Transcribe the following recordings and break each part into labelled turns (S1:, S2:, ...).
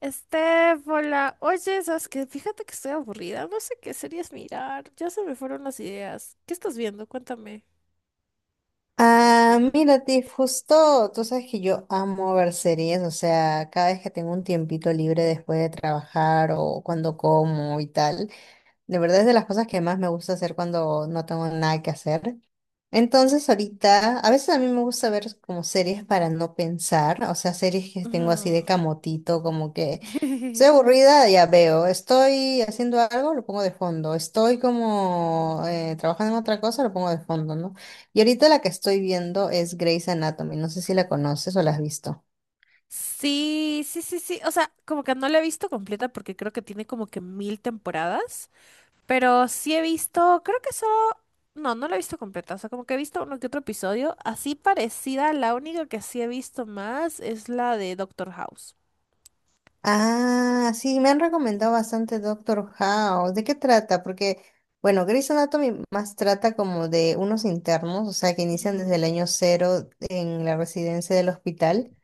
S1: Estéfola, oye, sabes que fíjate que estoy aburrida, no sé qué series mirar, ya se me fueron las ideas. ¿Qué estás viendo? Cuéntame.
S2: Ah, mira, Tiff, justo, tú sabes que yo amo ver series, o sea, cada vez que tengo un tiempito libre después de trabajar o cuando como y tal, de verdad es de las cosas que más me gusta hacer cuando no tengo nada que hacer. Entonces ahorita, a veces a mí me gusta ver como series para no pensar, o sea, series que tengo así de
S1: Ujú.
S2: camotito, como que estoy aburrida, ya veo, estoy haciendo algo, lo pongo de fondo, estoy como trabajando en otra cosa, lo pongo de fondo, ¿no? Y ahorita la que estoy viendo es Grey's Anatomy, no sé si la conoces o la has visto.
S1: Sí, sí, sí, sí. O sea, como que no la he visto completa porque creo que tiene como que mil temporadas. Pero sí he visto, creo que solo. No, no la he visto completa. O sea, como que he visto uno que otro episodio. Así parecida, la única que sí he visto más es la de Doctor House.
S2: Ah, sí, me han recomendado bastante Doctor House. ¿De qué trata? Porque, bueno, Grey's Anatomy más trata como de unos internos, o sea, que inician desde el
S1: Ujú,
S2: año cero en la residencia del hospital.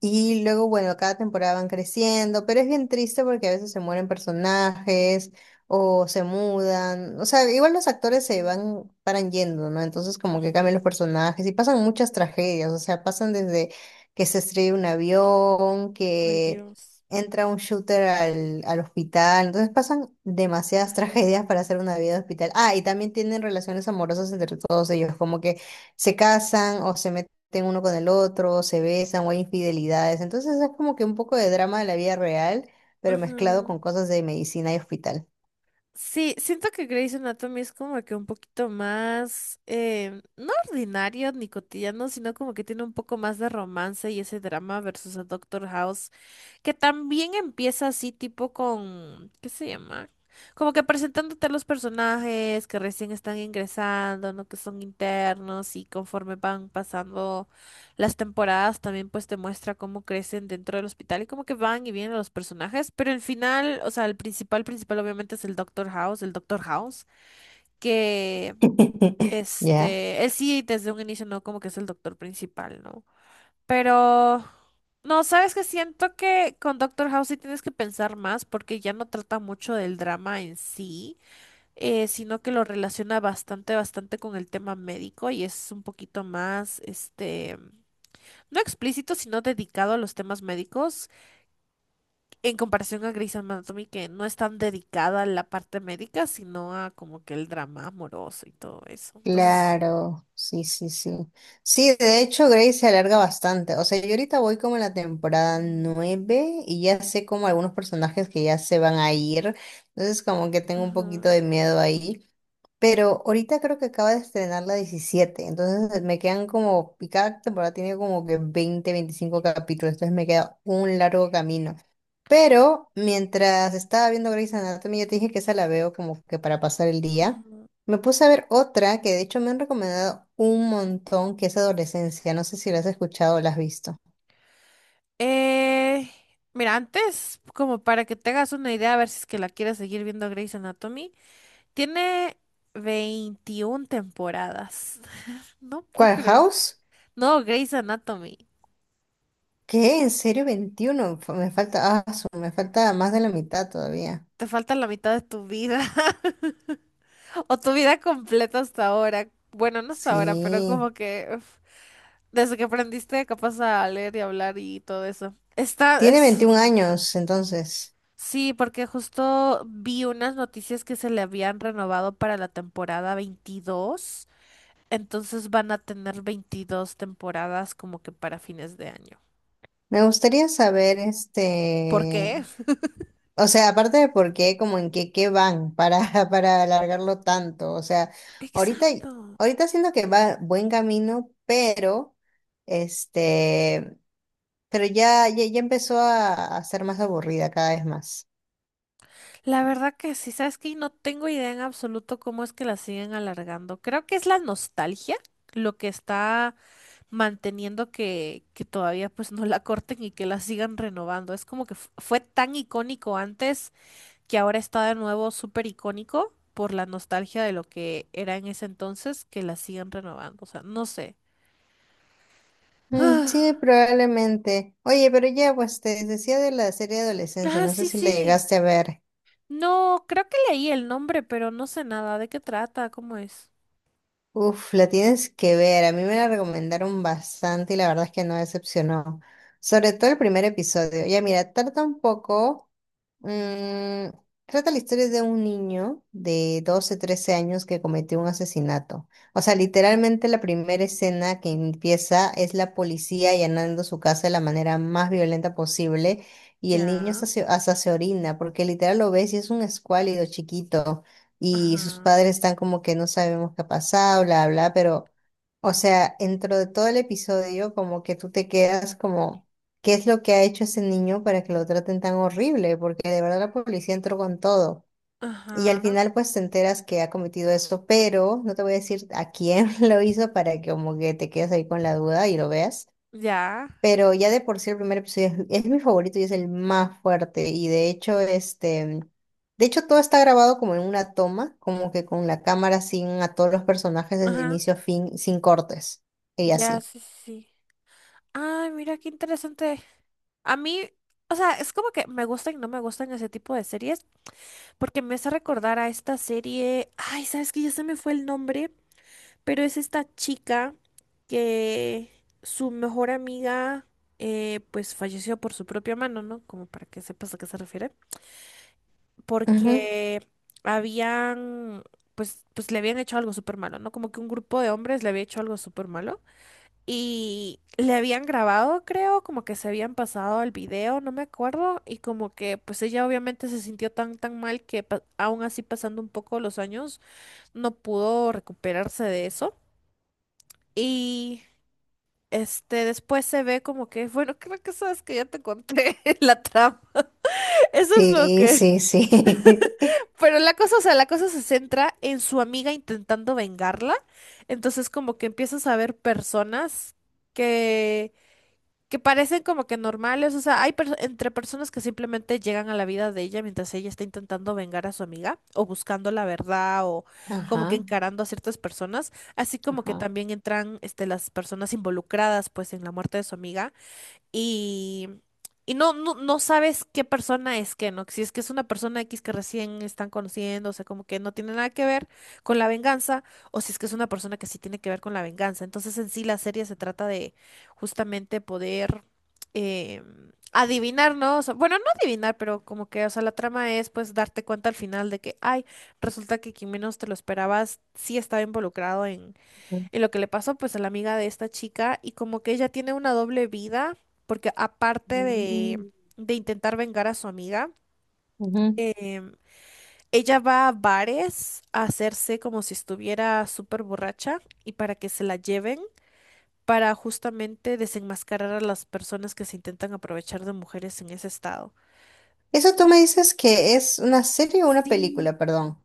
S2: Y luego, bueno, cada temporada van creciendo, pero es bien triste porque a veces se mueren personajes o se mudan. O sea, igual los actores se
S1: ujú,
S2: van, paran yendo, ¿no? Entonces como que cambian
S1: ujú.
S2: los personajes y pasan muchas tragedias. O sea, pasan desde que se estrella un avión,
S1: Ay,
S2: que
S1: Dios.
S2: entra un shooter al hospital. Entonces pasan demasiadas tragedias para hacer una vida de hospital. Ah, y también tienen relaciones amorosas entre todos ellos, como que se casan o se meten uno con el otro, se besan o hay infidelidades. Entonces es como que un poco de drama de la vida real, pero mezclado
S1: Ujú.
S2: con cosas de medicina y hospital.
S1: Sí, siento que Grey's Anatomy es como que un poquito más, no ordinario ni cotidiano, sino como que tiene un poco más de romance y ese drama versus a Doctor House que también empieza así tipo con, ¿qué se llama? Como que presentándote a los personajes que recién están ingresando, ¿no? Que son internos y conforme van pasando las temporadas también pues te muestra cómo crecen dentro del hospital y como que van y vienen los personajes. Pero el final, o sea, el principal, principal obviamente es el Doctor House, que
S2: ¿Ya?
S1: este, él sí desde un inicio no como que es el doctor principal, ¿no? Pero no, sabes que siento que con Doctor House sí tienes que pensar más porque ya no trata mucho del drama en sí, sino que lo relaciona bastante, bastante con el tema médico y es un poquito más, este, no explícito, sino dedicado a los temas médicos en comparación a Grey's Anatomy, que no es tan dedicada a la parte médica, sino a como que el drama amoroso y todo eso. Entonces,
S2: Claro, sí, sí, sí. Sí, de hecho, Grey se alarga bastante. O sea, yo ahorita voy como en la temporada 9 y ya sé como algunos personajes que ya se van a ir. Entonces, como que tengo un
S1: ujú,
S2: poquito
S1: ujú,
S2: de miedo ahí. Pero ahorita creo que acaba de estrenar la 17, entonces me quedan como, y cada temporada tiene como que 20, 25 capítulos, entonces me queda un largo camino. Pero mientras estaba viendo Grey's Anatomy, yo te dije que esa la veo como que para pasar el día.
S1: ujú.
S2: Me puse a ver otra que de hecho me han recomendado un montón, que es Adolescencia. No sé si la has escuchado o la has visto.
S1: Eh, Mira, antes, como para que te hagas una idea, a ver si es que la quieres seguir viendo Grey's Anatomy, tiene 21 temporadas. No puedo
S2: ¿Cuál
S1: creer.
S2: House?
S1: No, Grey's Anatomy.
S2: ¿Qué? ¿En serio 21, me falta, me falta más de la mitad todavía?
S1: Te falta la mitad de tu vida. O tu vida completa hasta ahora. Bueno, no hasta ahora, pero
S2: Sí.
S1: como que uf, desde que aprendiste capaz a leer y hablar y todo eso. Está,
S2: Tiene
S1: es,
S2: 21 años, entonces.
S1: sí, porque justo vi unas noticias que se le habían renovado para la temporada 22, entonces van a tener 22 temporadas como que para fines de año.
S2: Me gustaría saber,
S1: ¿Por qué?
S2: o sea, aparte de por qué, como en qué van para, para alargarlo tanto. O sea, ahorita,
S1: Exacto.
S2: ahorita siento que va buen camino, pero, este, pero ya, ya, ya empezó a ser más aburrida cada vez más.
S1: La verdad que sí, sabes que no tengo idea en absoluto cómo es que la siguen alargando. Creo que es la nostalgia lo que está manteniendo que todavía pues no la corten y que la sigan renovando. Es como que fue tan icónico antes que ahora está de nuevo súper icónico por la nostalgia de lo que era en ese entonces, que la siguen renovando. O sea, no sé.
S2: Mm, sí,
S1: Ah,
S2: probablemente. Oye, pero ya, pues te decía de la serie de adolescencia,
S1: ah,
S2: no sé
S1: sí,
S2: si la
S1: sí.
S2: llegaste a ver.
S1: No, creo que leí el nombre, pero no sé nada. ¿De qué trata? ¿Cómo es?
S2: Uf, la tienes que ver. A mí me la recomendaron bastante y la verdad es que no decepcionó. Sobre todo el primer episodio. Ya mira, trata un poco, mm, trata la historia de un niño de 12, 13 años que cometió un asesinato. O sea, literalmente la primera escena que empieza es la policía allanando su casa de la manera más violenta posible y el niño
S1: Ya.
S2: hasta se orina porque literal lo ves y es un escuálido chiquito, y sus
S1: Ajá.
S2: padres están como que no sabemos qué ha pasado, bla, bla, pero, o sea, dentro de todo el episodio, como que tú te quedas como, ¿qué es lo que ha hecho ese niño para que lo traten tan horrible? Porque de verdad la policía entró con todo. Y
S1: Ajá.
S2: al final pues te enteras que ha cometido eso, pero no te voy a decir a quién lo hizo, para que como que te quedes ahí con la duda y lo veas.
S1: Ya.
S2: Pero ya de por sí el primer episodio es mi favorito y es el más fuerte. Y de hecho, de hecho todo está grabado como en una toma, como que con la cámara sin a todos los personajes desde
S1: Ajá.
S2: inicio a fin, sin cortes. Y
S1: Ya,
S2: así.
S1: sí, sí, sí. Ay, mira qué interesante. A mí, o sea, es como que me gustan y no me gustan ese tipo de series, porque me hace recordar a esta serie. Ay, sabes que ya se me fue el nombre. Pero es esta chica que su mejor amiga pues falleció por su propia mano, ¿no? Como para que sepas a qué se refiere.
S2: Ujú.
S1: Porque habían, pues le habían hecho algo súper malo, ¿no? Como que un grupo de hombres le había hecho algo súper malo. Y le habían grabado, creo, como que se habían pasado el video, no me acuerdo. Y como que pues ella obviamente se sintió tan, tan mal que aún así pasando un poco los años no pudo recuperarse de eso. Y este, después se ve como que, bueno, creo que sabes que ya te conté la trama. Eso es lo
S2: Sí,
S1: que...
S2: sí, sí.
S1: Pero la cosa, o sea, la cosa se centra en su amiga intentando vengarla. Entonces como que empiezas a ver personas que, que parecen como que normales. O sea, hay entre personas que simplemente llegan a la vida de ella mientras ella está intentando vengar a su amiga o buscando la verdad o como que
S2: Ajá,
S1: encarando a ciertas personas. Así como que
S2: ajá.
S1: también entran este, las personas involucradas pues en la muerte de su amiga y, y no, no, no sabes qué persona es que, ¿no? Si es que es una persona X que recién están conociendo, o sea, como que no tiene nada que ver con la venganza, o si es que es una persona que sí tiene que ver con la venganza. Entonces, en sí, la serie se trata de justamente poder eh, adivinar, ¿no? O sea, bueno, no adivinar, pero como que, o sea, la trama es pues darte cuenta al final de que, ay, resulta que quien menos te lo esperabas sí estaba involucrado y lo que le pasó pues a la amiga de esta chica y como que ella tiene una doble vida porque aparte de,
S2: Ujú.
S1: de intentar vengar a su amiga,
S2: Ujú.
S1: em, ella va a bares a hacerse como si estuviera súper borracha y para que se la lleven para justamente desenmascarar a las personas que se intentan aprovechar de mujeres en ese estado.
S2: Eso tú me dices, ¿que es una serie o una
S1: Sí,
S2: película, perdón?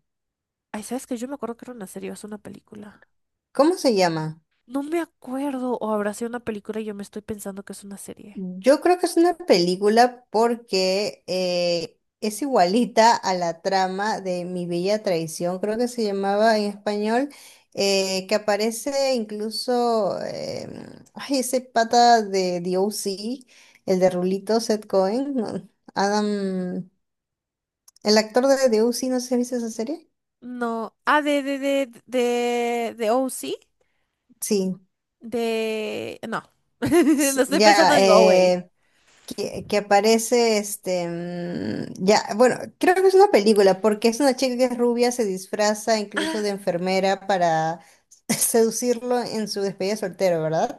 S1: ay, sabes que yo me acuerdo que era una serie o es una película.
S2: ¿Cómo se llama?
S1: No me acuerdo, o habrá sido una película y yo me estoy pensando que es una serie.
S2: Yo creo que es una película porque es igualita a la trama de Mi Bella Traición, creo que se llamaba en español, que aparece incluso ay, ese pata de The O.C., el de Rulito, Seth Cohen, no, Adam, el actor de The O.C., no sé si has visto esa serie.
S1: No. Ah, de O C,
S2: Sí,
S1: de. No. No estoy pensando
S2: ya,
S1: en OA.
S2: que aparece ya, bueno, creo que es una película, porque es una chica que es rubia, se disfraza incluso de enfermera para seducirlo en su despedida de soltero, ¿verdad?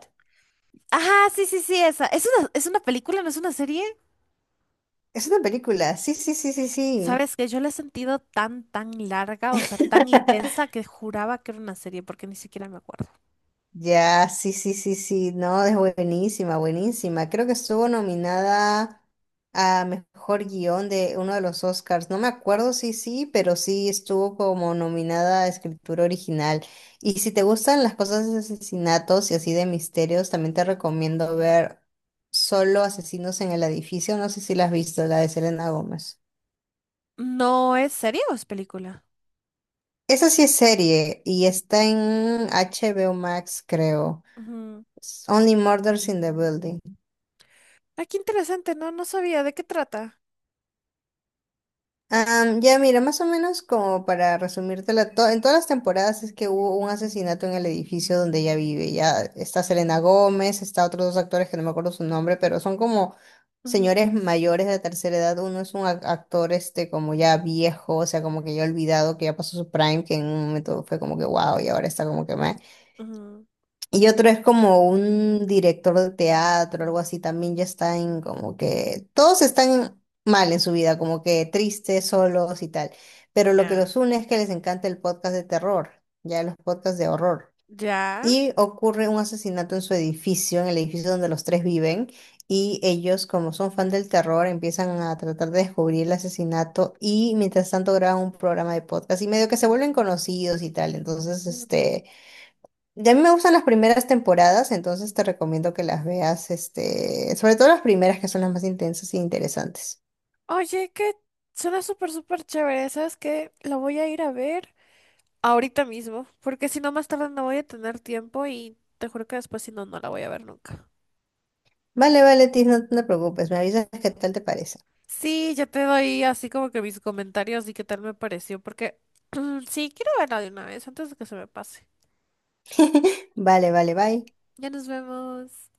S1: Ajá, sí, sí, sí, esa. Es una película, no es una serie.
S2: Es una película, sí, sí, sí, sí, sí.
S1: Sabes que yo la he sentido tan, tan larga, o sea, tan intensa que juraba que era una serie porque ni siquiera me acuerdo.
S2: Ya, sí, sí, sí, sí, no, es buenísima, buenísima. Creo que estuvo nominada a mejor guión de uno de los Oscars. No me acuerdo si sí, pero sí estuvo como nominada a escritura original. Y si te gustan las cosas de asesinatos y así de misterios, también te recomiendo ver Solo Asesinos en el Edificio. No sé si la has visto, la de Selena Gómez.
S1: ¿No es serie o es película?
S2: Esa sí es serie y está en HBO Max, creo.
S1: Ujú.
S2: Only Murders in the Building.
S1: Ah, qué interesante, no, no sabía de qué trata.
S2: Ya mira, más o menos como para resumírtela, en todas las temporadas es que hubo un asesinato en el edificio donde ella vive. Ya está Selena Gómez, está otros dos actores que no me acuerdo su nombre, pero son como
S1: Ujú,
S2: señores mayores de tercera edad. Uno es un actor como ya viejo, o sea, como que ya olvidado, que ya pasó su prime, que en un momento fue como que wow, y ahora está como que meh.
S1: ujú.
S2: Y otro es como un director de teatro, algo así, también ya están como que todos están mal en su vida, como que tristes, solos y tal. Pero lo que
S1: Ya.
S2: los une es que les encanta el podcast de terror, ya los podcasts de horror.
S1: Ya.
S2: Y ocurre un asesinato en su edificio, en el edificio donde los tres viven, y ellos, como son fan del terror, empiezan a tratar de descubrir el asesinato y mientras tanto graban un programa de podcast y medio que se vuelven conocidos y tal. Entonces,
S1: Ujú.
S2: este... Ya a mí me gustan las primeras temporadas, entonces te recomiendo que las veas, sobre todo las primeras que son las más intensas e interesantes.
S1: Oye, que suena súper, súper chévere. ¿Sabes qué? La voy a ir a ver. Ahorita mismo, porque si no más tarde no voy a tener tiempo y te juro que después si no, no la voy a ver nunca.
S2: Vale, vale, Tis, no, no te preocupes, me avisas qué tal te parece.
S1: Sí, yo te doy así como que mis comentarios y qué tal me pareció, porque sí, quiero verla de una vez antes de que se me pase.
S2: Vale, vale, bye.
S1: Ya nos vemos.